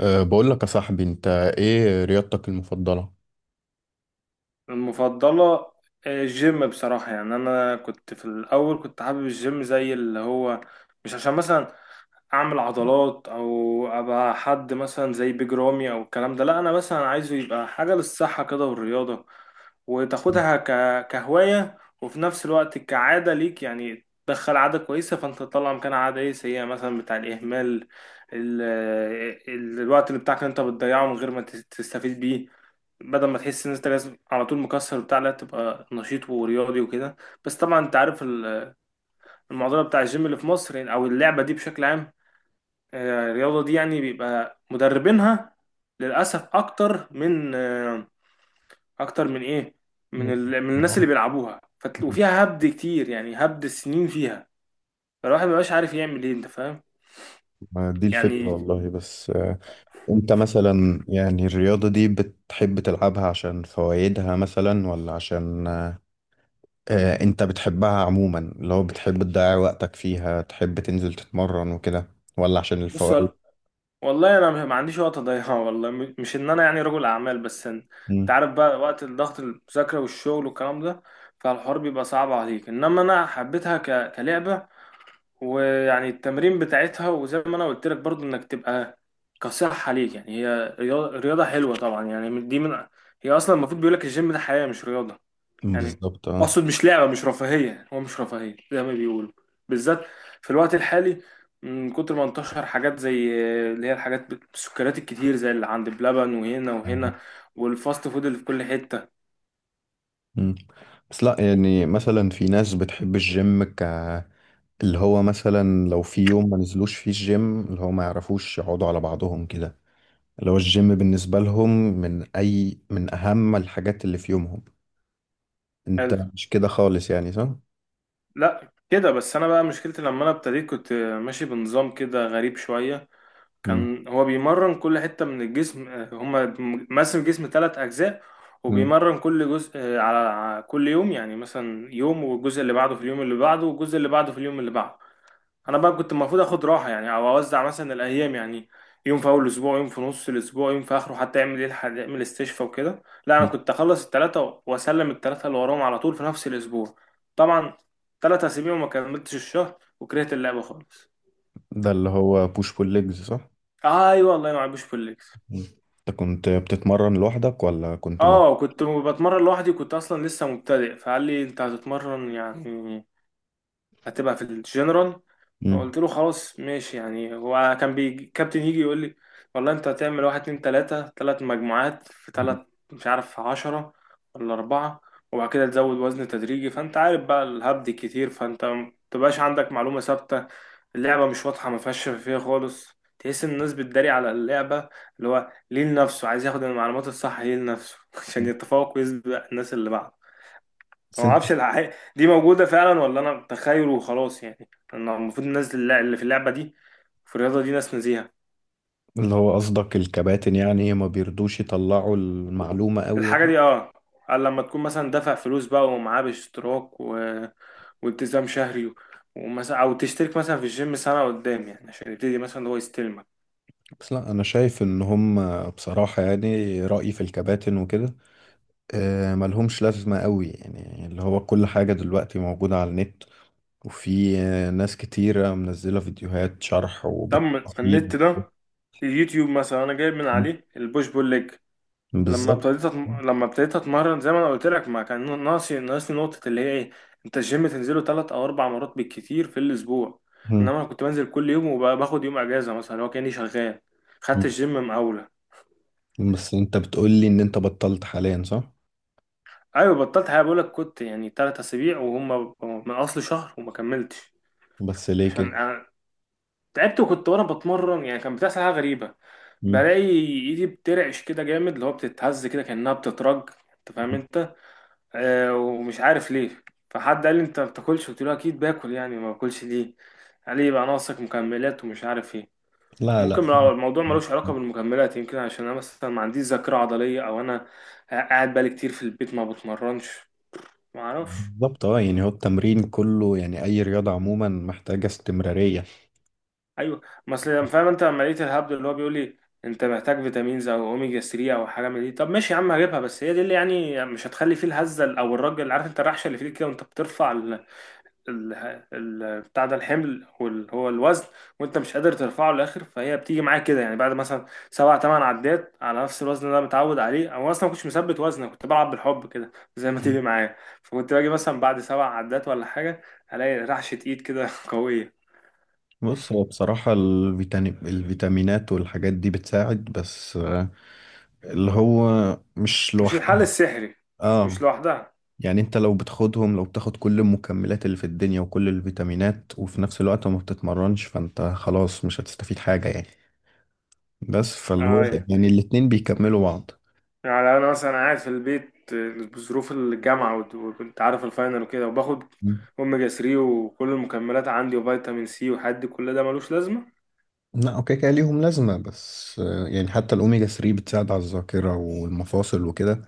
بقول لك يا صاحبي، انت ايه رياضتك المفضلة؟ المفضلة؟ الجيم بصراحة. يعني أنا كنت في الأول حابب الجيم زي اللي هو، مش عشان مثلا اعمل عضلات او ابقى حد مثلا زي بيج رامي او الكلام ده، لا انا مثلا عايزه يبقى حاجه للصحه كده، والرياضه وتاخدها كهوايه، وفي نفس الوقت كعاده ليك، يعني تدخل عاده كويسه فانت تطلع مكانها عاده ايه سيئه مثلا بتاع الاهمال، ال... الوقت اللي بتاعك اللي انت بتضيعه من غير ما تستفيد بيه، بدل ما تحس ان انت لازم على طول مكسر بتاع، لا تبقى نشيط ورياضي وكده. بس طبعا انت عارف المعضله بتاع الجيم اللي في مصر، يعني او اللعبه دي بشكل عام. الرياضة دي يعني بيبقى مدربينها للأسف أكتر من أكتر من إيه؟ من من الناس آه. اللي بيلعبوها، وفيها هبد كتير، يعني هبد سنين فيها. فالواحد مبقاش عارف يعمل إيه، أنت فاهم؟ ما دي الفكرة يعني والله. بس انت مثلا يعني الرياضة دي بتحب تلعبها عشان فوائدها مثلا، ولا عشان أه آه، انت بتحبها عموما، اللي هو بتحب تضيع وقتك فيها، تحب تنزل تتمرن وكده، ولا عشان بص الفوائد؟ والله أنا ما عنديش وقت أضيعه. والله مش إن أنا يعني رجل أعمال، بس أنت مم، عارف بقى وقت الضغط، المذاكرة والشغل والكلام ده. فالحوار بيبقى صعب عليك، إنما أنا حبيتها كلعبة، ويعني التمرين بتاعتها، وزي ما انا قلت لك برضو انك تبقى كصحة ليك. يعني هي رياضة رياضة حلوة طبعا، يعني دي من، هي اصلا المفروض بيقول لك الجيم ده حياة مش رياضة، يعني بالظبط اقصد مش لعبة، مش رفاهية. هو مش رفاهية زي ما بيقولوا، بالذات في الوقت الحالي، من كتر ما انتشر حاجات زي اللي هي الحاجات السكريات الكتير، زي اللي عند بلبن وهنا اه. وهنا، والفاست فود اللي في كل حتة. مم. بس لا يعني مثلا في ناس بتحب الجيم اللي هو مثلا لو في يوم ما نزلوش فيه الجيم، اللي هو ما يعرفوش يقعدوا على بعضهم كده، اللي هو الجيم بالنسبة لهم من أي من أهم الحاجات اللي في يومهم. أنت حلو، مش كده خالص يعني، صح؟ لا كده. بس انا بقى مشكلتي لما انا ابتديت كنت ماشي بنظام كده غريب شوية. مم. كان هو بيمرن كل حتة من الجسم، هما مقسم الجسم ثلاث أجزاء، مم. وبيمرن كل جزء، على كل يوم، يعني مثلا يوم والجزء اللي بعده في اليوم اللي بعده والجزء اللي بعده في اليوم اللي بعده. أنا بقى كنت المفروض آخد راحة يعني، أو أوزع مثلا الأيام، يعني يوم في أول الأسبوع، يوم في نص الأسبوع، يوم في آخره، حتى يعمل إيه، يعمل استشفاء وكده. لا أنا مم. كنت أخلص التلاتة وأسلم التلاتة اللي وراهم على طول في نفس الأسبوع. طبعا تلات أسابيع وما كملتش الشهر وكرهت اللعبة خالص. ده اللي هو بوش بول ليجز، صح؟ أيوة والله ما عجبش في الليكس. مم. أنت كنت بتتمرن لوحدك ولا كنت مع. اه كنت بتمرن لوحدي، كنت اصلا لسه مبتدئ، فقال لي انت هتتمرن يعني هتبقى في الجنرال. مم. فقلت له خلاص ماشي. يعني هو كان بيجي كابتن يجي يقول لي والله انت هتعمل واحد اتنين تلاتة، تلات مجموعات في مم. تلات، مش عارف عشرة ولا أربعة، وبعد كده تزود وزن تدريجي. فانت عارف بقى الهبد كتير، فانت متبقاش عندك معلومة ثابتة. اللعبة مش واضحة، ما فيهاش شفافية خالص. تحس إن الناس بتداري على اللعبة، اللي هو ليه لنفسه، عايز ياخد المعلومات الصح ليه لنفسه عشان يتفوق ويسبق الناس اللي بعده. بس فما أنت، أعرفش الحقيقة دي موجودة فعلا ولا أنا بتخيل وخلاص. يعني أنا المفروض الناس اللي في اللعبة دي، في الرياضة دي، ناس نزيهة. اللي هو قصدك الكباتن يعني ما بيرضوش يطلعوا المعلومة قوي. الحاجة دي اه، قال لما تكون مثلا دافع فلوس بقى ومعاه باشتراك والتزام شهري، ومثلا أو تشترك مثلا في الجيم سنة قدام، يعني عشان يبتدي مثلا هو يستلمك. بس لا انا شايف ان هم، بصراحة يعني رأيي في الكباتن وكده ملهمش لازمة قوي يعني، اللي هو كل حاجة دلوقتي موجودة على النت. وفي ناس كتيرة منزلة فيديوهات شرح طب ما وبالتفصيل. النت ده، اليوتيوب مثلا انا جايب من عليه البوش بول ليج. لما بالظبط. لما ابتديت اتمرن زي ما انا قلت لك، ما كان ناقصني نقطه اللي هي ايه، انت الجيم تنزله ثلاث او اربع مرات بالكتير في الاسبوع، مم. انما انا كنت بنزل كل يوم وباخد يوم اجازه مثلا، اللي هو كاني شغال، خدت مم. الجيم مقاوله. بس انت بتقولي ان انت بطلت حاليا، صح؟ ايوه بطلت. حاجه بقول لك، كنت يعني ثلاث اسابيع وهم من اصل شهر وما كملتش. بس ليه عشان كده؟ أنا تعبت، وكنت وانا بتمرن يعني كان بتحصل حاجه غريبه. مم. بلاقي ايدي بترعش كده جامد، اللي هو بتتهز كده كانها بتترج، انت فاهم انت، ومش عارف ليه. فحد قال لي انت ما بتاكلش، قلت له اكيد باكل يعني ما باكلش ليه. قال لي يبقى ناقصك مكملات ومش عارف ايه. لا لا. ممكن لو الموضوع ملوش علاقه بالمكملات، يمكن عشان انا مثلا ما عنديش ذاكره عضليه، او انا قاعد بقالي كتير في البيت ما بتمرنش، ما اعرفش. بالظبط اه. يعني هو التمرين كله، يعني اي رياضة عموما محتاجة استمرارية. ايوه، ما اصل فاهم انت، لما لقيت الهبد اللي هو بيقول لي انت محتاج فيتامينز او اوميجا 3 او حاجه من دي، طب ماشي يا عم هجيبها، بس هي دي اللي يعني مش هتخلي فيه الهزه، او الراجل عارف انت الرحشه اللي فيك كده وانت بترفع ال- بتاع ده الحمل واللي هو الوزن، وانت مش قادر ترفعه للاخر، فهي بتيجي معاك كده، يعني بعد مثلا سبع تمن عدات على نفس الوزن اللي انا متعود عليه، او اصلا ما كنتش مثبت وزن. أنا كنت بلعب بالحب كده، زي ما تيجي معايا. فكنت باجي مثلا بعد سبع عدات ولا حاجه، الاقي رعشه ايد كده قويه. بص هو بصراحة الفيتامينات والحاجات دي بتساعد، بس اللي هو مش مش الحل لوحدها. السحري، اه. مش لوحدها. يعني انت لو بتاخدهم، لو بتاخد كل المكملات اللي في الدنيا وكل الفيتامينات وفي نفس الوقت ما بتتمرنش، فانت خلاص مش هتستفيد حاجة يعني. بس فاللي هو اه، يعني الاتنين بيكملوا بعض. يعني انا مثلا قاعد في البيت بظروف الجامعه وكنت عارف الفاينل وكده، وباخد مم. اوميجا 3 وكل المكملات عندي وفيتامين سي وحد كل ده ملوش لازمه. لا اوكي، كده ليهم لازمة، بس يعني حتى الأوميجا 3 بتساعد على الذاكرة والمفاصل وكده،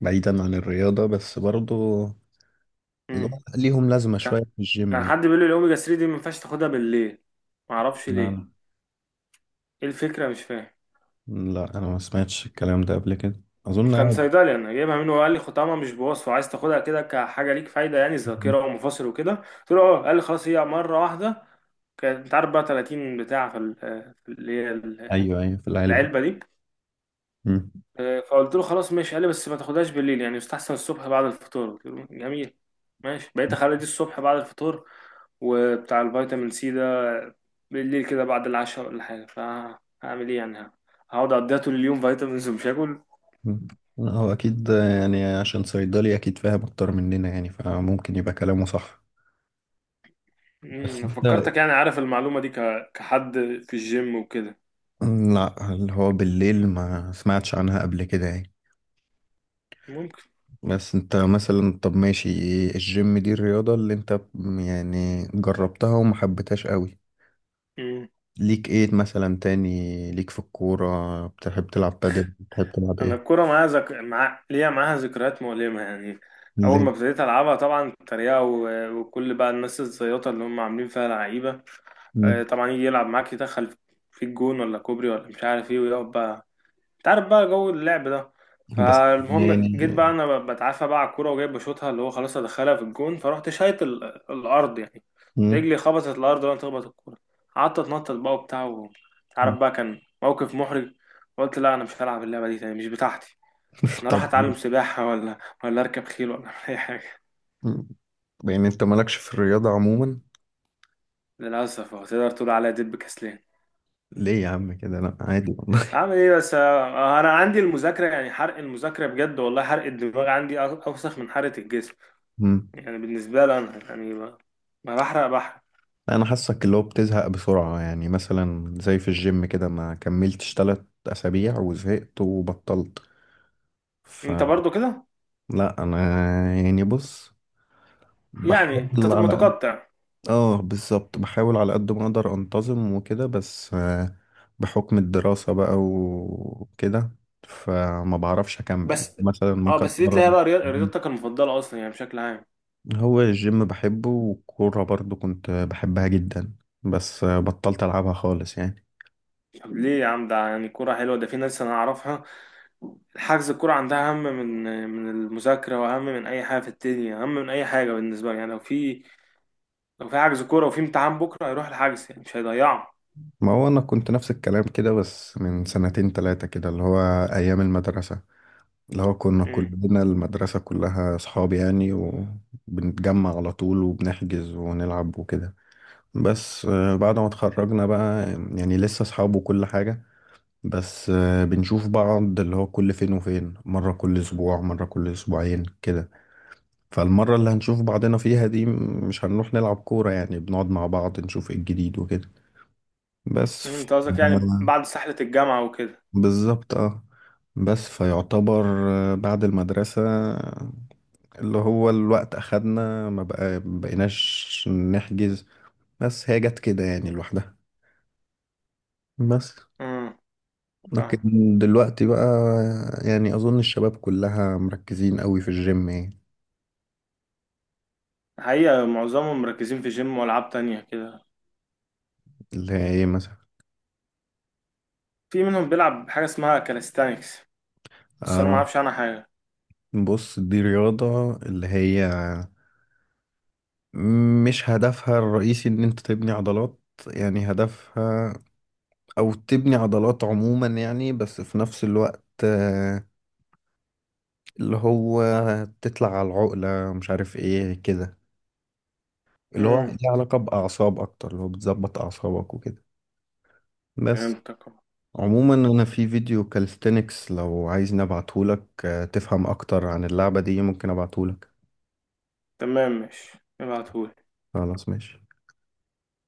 بعيدا عن الرياضة. بس برضو اللي امم، هو ليهم لازمة شوية كان في الجيم كان يعني. حد بيقول لي الاوميجا 3 دي ما ينفعش تاخدها بالليل، ما اعرفش ليه، لا. ايه الفكره مش فاهم. لا انا ما سمعتش الكلام ده قبل كده، اظن كان عادي. صيدلي انا جايبها منه، وقال لي ختامها مش بوصفه، عايز تاخدها كده كحاجه ليك فايده يعني، ذاكره ومفاصل وكده. قلت له اه، قال لي خلاص هي مره واحده، كانت انت عارف بقى 30 بتاع في في اللي هي ايوه ايوه في العلبة. العلبه دي. مم. فقلت له خلاص ماشي. قال لي بس ما تاخدهاش بالليل، يعني يستحسن الصبح بعد الفطور. قلت له جميل ماشي. بقيت اخلي دي الصبح بعد الفطور، وبتاع الفيتامين سي ده بالليل كده بعد العشاء ولا حاجه. فهعمل ايه يعني، هقعد اقضيها طول اليوم فيتامينز ومش هاكل. مم. لا، هو اكيد، يعني عشان صيدلي اكيد فاهم اكتر مننا يعني، فممكن يبقى كلامه صح. بس امم، انت. فكرتك يعني عارف المعلومه دي كحد في الجيم وكده، لا، اللي هو بالليل ما سمعتش عنها قبل كده يعني. ممكن. بس انت مثلا، طب ماشي، الجيم دي الرياضة اللي انت يعني جربتها وما حبيتهاش قوي. ليك ايه مثلا تاني؟ ليك في الكورة؟ بتحب تلعب بادل، بتحب تلعب انا ايه؟ الكوره معايا ليا معاها ذكريات مؤلمه يعني. اول ليه؟ ما ابتديت العبها طبعا التريقه وكل بقى الناس الزياطه اللي هم عاملين فيها لعيبه، طبعا يجي يلعب معاك يدخل في الجون ولا كوبري ولا مش عارف ايه، ويقعد بقى، انت عارف بقى جو اللعب ده. بس فالمهم جيت يعني. بقى انا بتعافى بقى على الكوره وجاي بشوطها، اللي هو خلاص ادخلها في الجون، فرحت شايط الارض يعني، مم. رجلي خبطت الارض وانا تخبط الكوره، قعدت اتنطط بقى وبتاع ومش عارف مم. بقى، كان موقف محرج. قلت لا انا مش هلعب اللعبه دي تاني، مش بتاعتي. انا راح طب. اتعلم سباحه ولا ولا اركب خيل ولا اعمل اي حاجه. مم. يعني انت مالكش في الرياضة عموما؟ للاسف تقدر تقول عليا دب كسلان. ليه يا عم كده، لا عادي والله. اعمل ايه بس، انا عندي المذاكره يعني، حرق المذاكره بجد والله حرق الدماغ عندي اوسخ من حرق الجسم. مم. يعني بالنسبة لي أنا يعني، ما بحرق بحرق. لا، انا حاسك اللي هو بتزهق بسرعة، يعني مثلا زي في الجيم كده ما كملتش 3 اسابيع وزهقت وبطلت. أنت فلا. برضو كده، انا يعني، بص يعني أنت بحاول على. متقطع. اه بالظبط، بحاول على قد ما اقدر انتظم وكده، بس بحكم الدراسة بقى وكده فما بعرفش اكمل، بس مثلا أه ممكن بس دي تلاقيها اتمرن. بقى رياضتك المفضلة أصلا، يعني بشكل عام. هو الجيم بحبه والكورة برضو كنت بحبها جدا، بس بطلت العبها خالص يعني. طب ليه يا عم، ده يعني كورة حلوة. ده في ناس أنا أعرفها حجز الكورة عندها أهم من من المذاكرة وأهم من أي حاجة في الدنيا، أهم من أي حاجة بالنسبة لي. يعني لو في، لو في حجز كورة وفي امتحان بكرة، هيروح الحجز يعني مش هيضيعه. ما هو انا كنت نفس الكلام كده، بس من سنتين تلاتة كده، اللي هو ايام المدرسة، اللي هو كنا أمم. كلنا المدرسة كلها اصحاب يعني، وبنتجمع على طول وبنحجز ونلعب وكده. بس بعد ما اتخرجنا بقى، يعني لسه اصحاب وكل حاجة، بس بنشوف بعض اللي هو كل فين وفين، مرة كل اسبوع مرة كل اسبوعين كده. فالمرة اللي هنشوف بعضنا فيها دي مش هنروح نلعب كورة، يعني بنقعد مع بعض نشوف ايه الجديد وكده. بس أمم، أنت قصدك يعني آه، بعد سحلة الجامعة وكده. بالظبط اه. بس فيعتبر بعد المدرسة، اللي هو الوقت أخدنا ما بقى بقيناش نحجز، بس هي جت كده يعني لوحدها. بس أمم، فاهم. لكن دلوقتي بقى، يعني أظن الشباب كلها مركزين قوي في الجيم يعني. الحقيقة معظمهم مركزين في جيم وألعاب تانية كده. اللي هي إيه مثلا؟ في منهم بيلعب بحاجة اسمها كاليستانكس، بس أنا ما آه. أعرفش عنها حاجة. بص دي رياضة اللي هي مش هدفها الرئيسي إن أنت تبني عضلات، يعني هدفها أو تبني عضلات عموما يعني، بس في نفس الوقت اللي هو تطلع على العقلة مش عارف إيه كده، اللي هو امم، ليه علاقة بأعصاب أكتر، اللي هو بتظبط أعصابك وكده. بس فهمتك. عموما انا في فيديو كالستنكس، لو عايز نبعتهولك تفهم اكتر عن اللعبة دي ممكن ابعتهولك. تمام ماشي ابعتهولي. خلاص ماشي.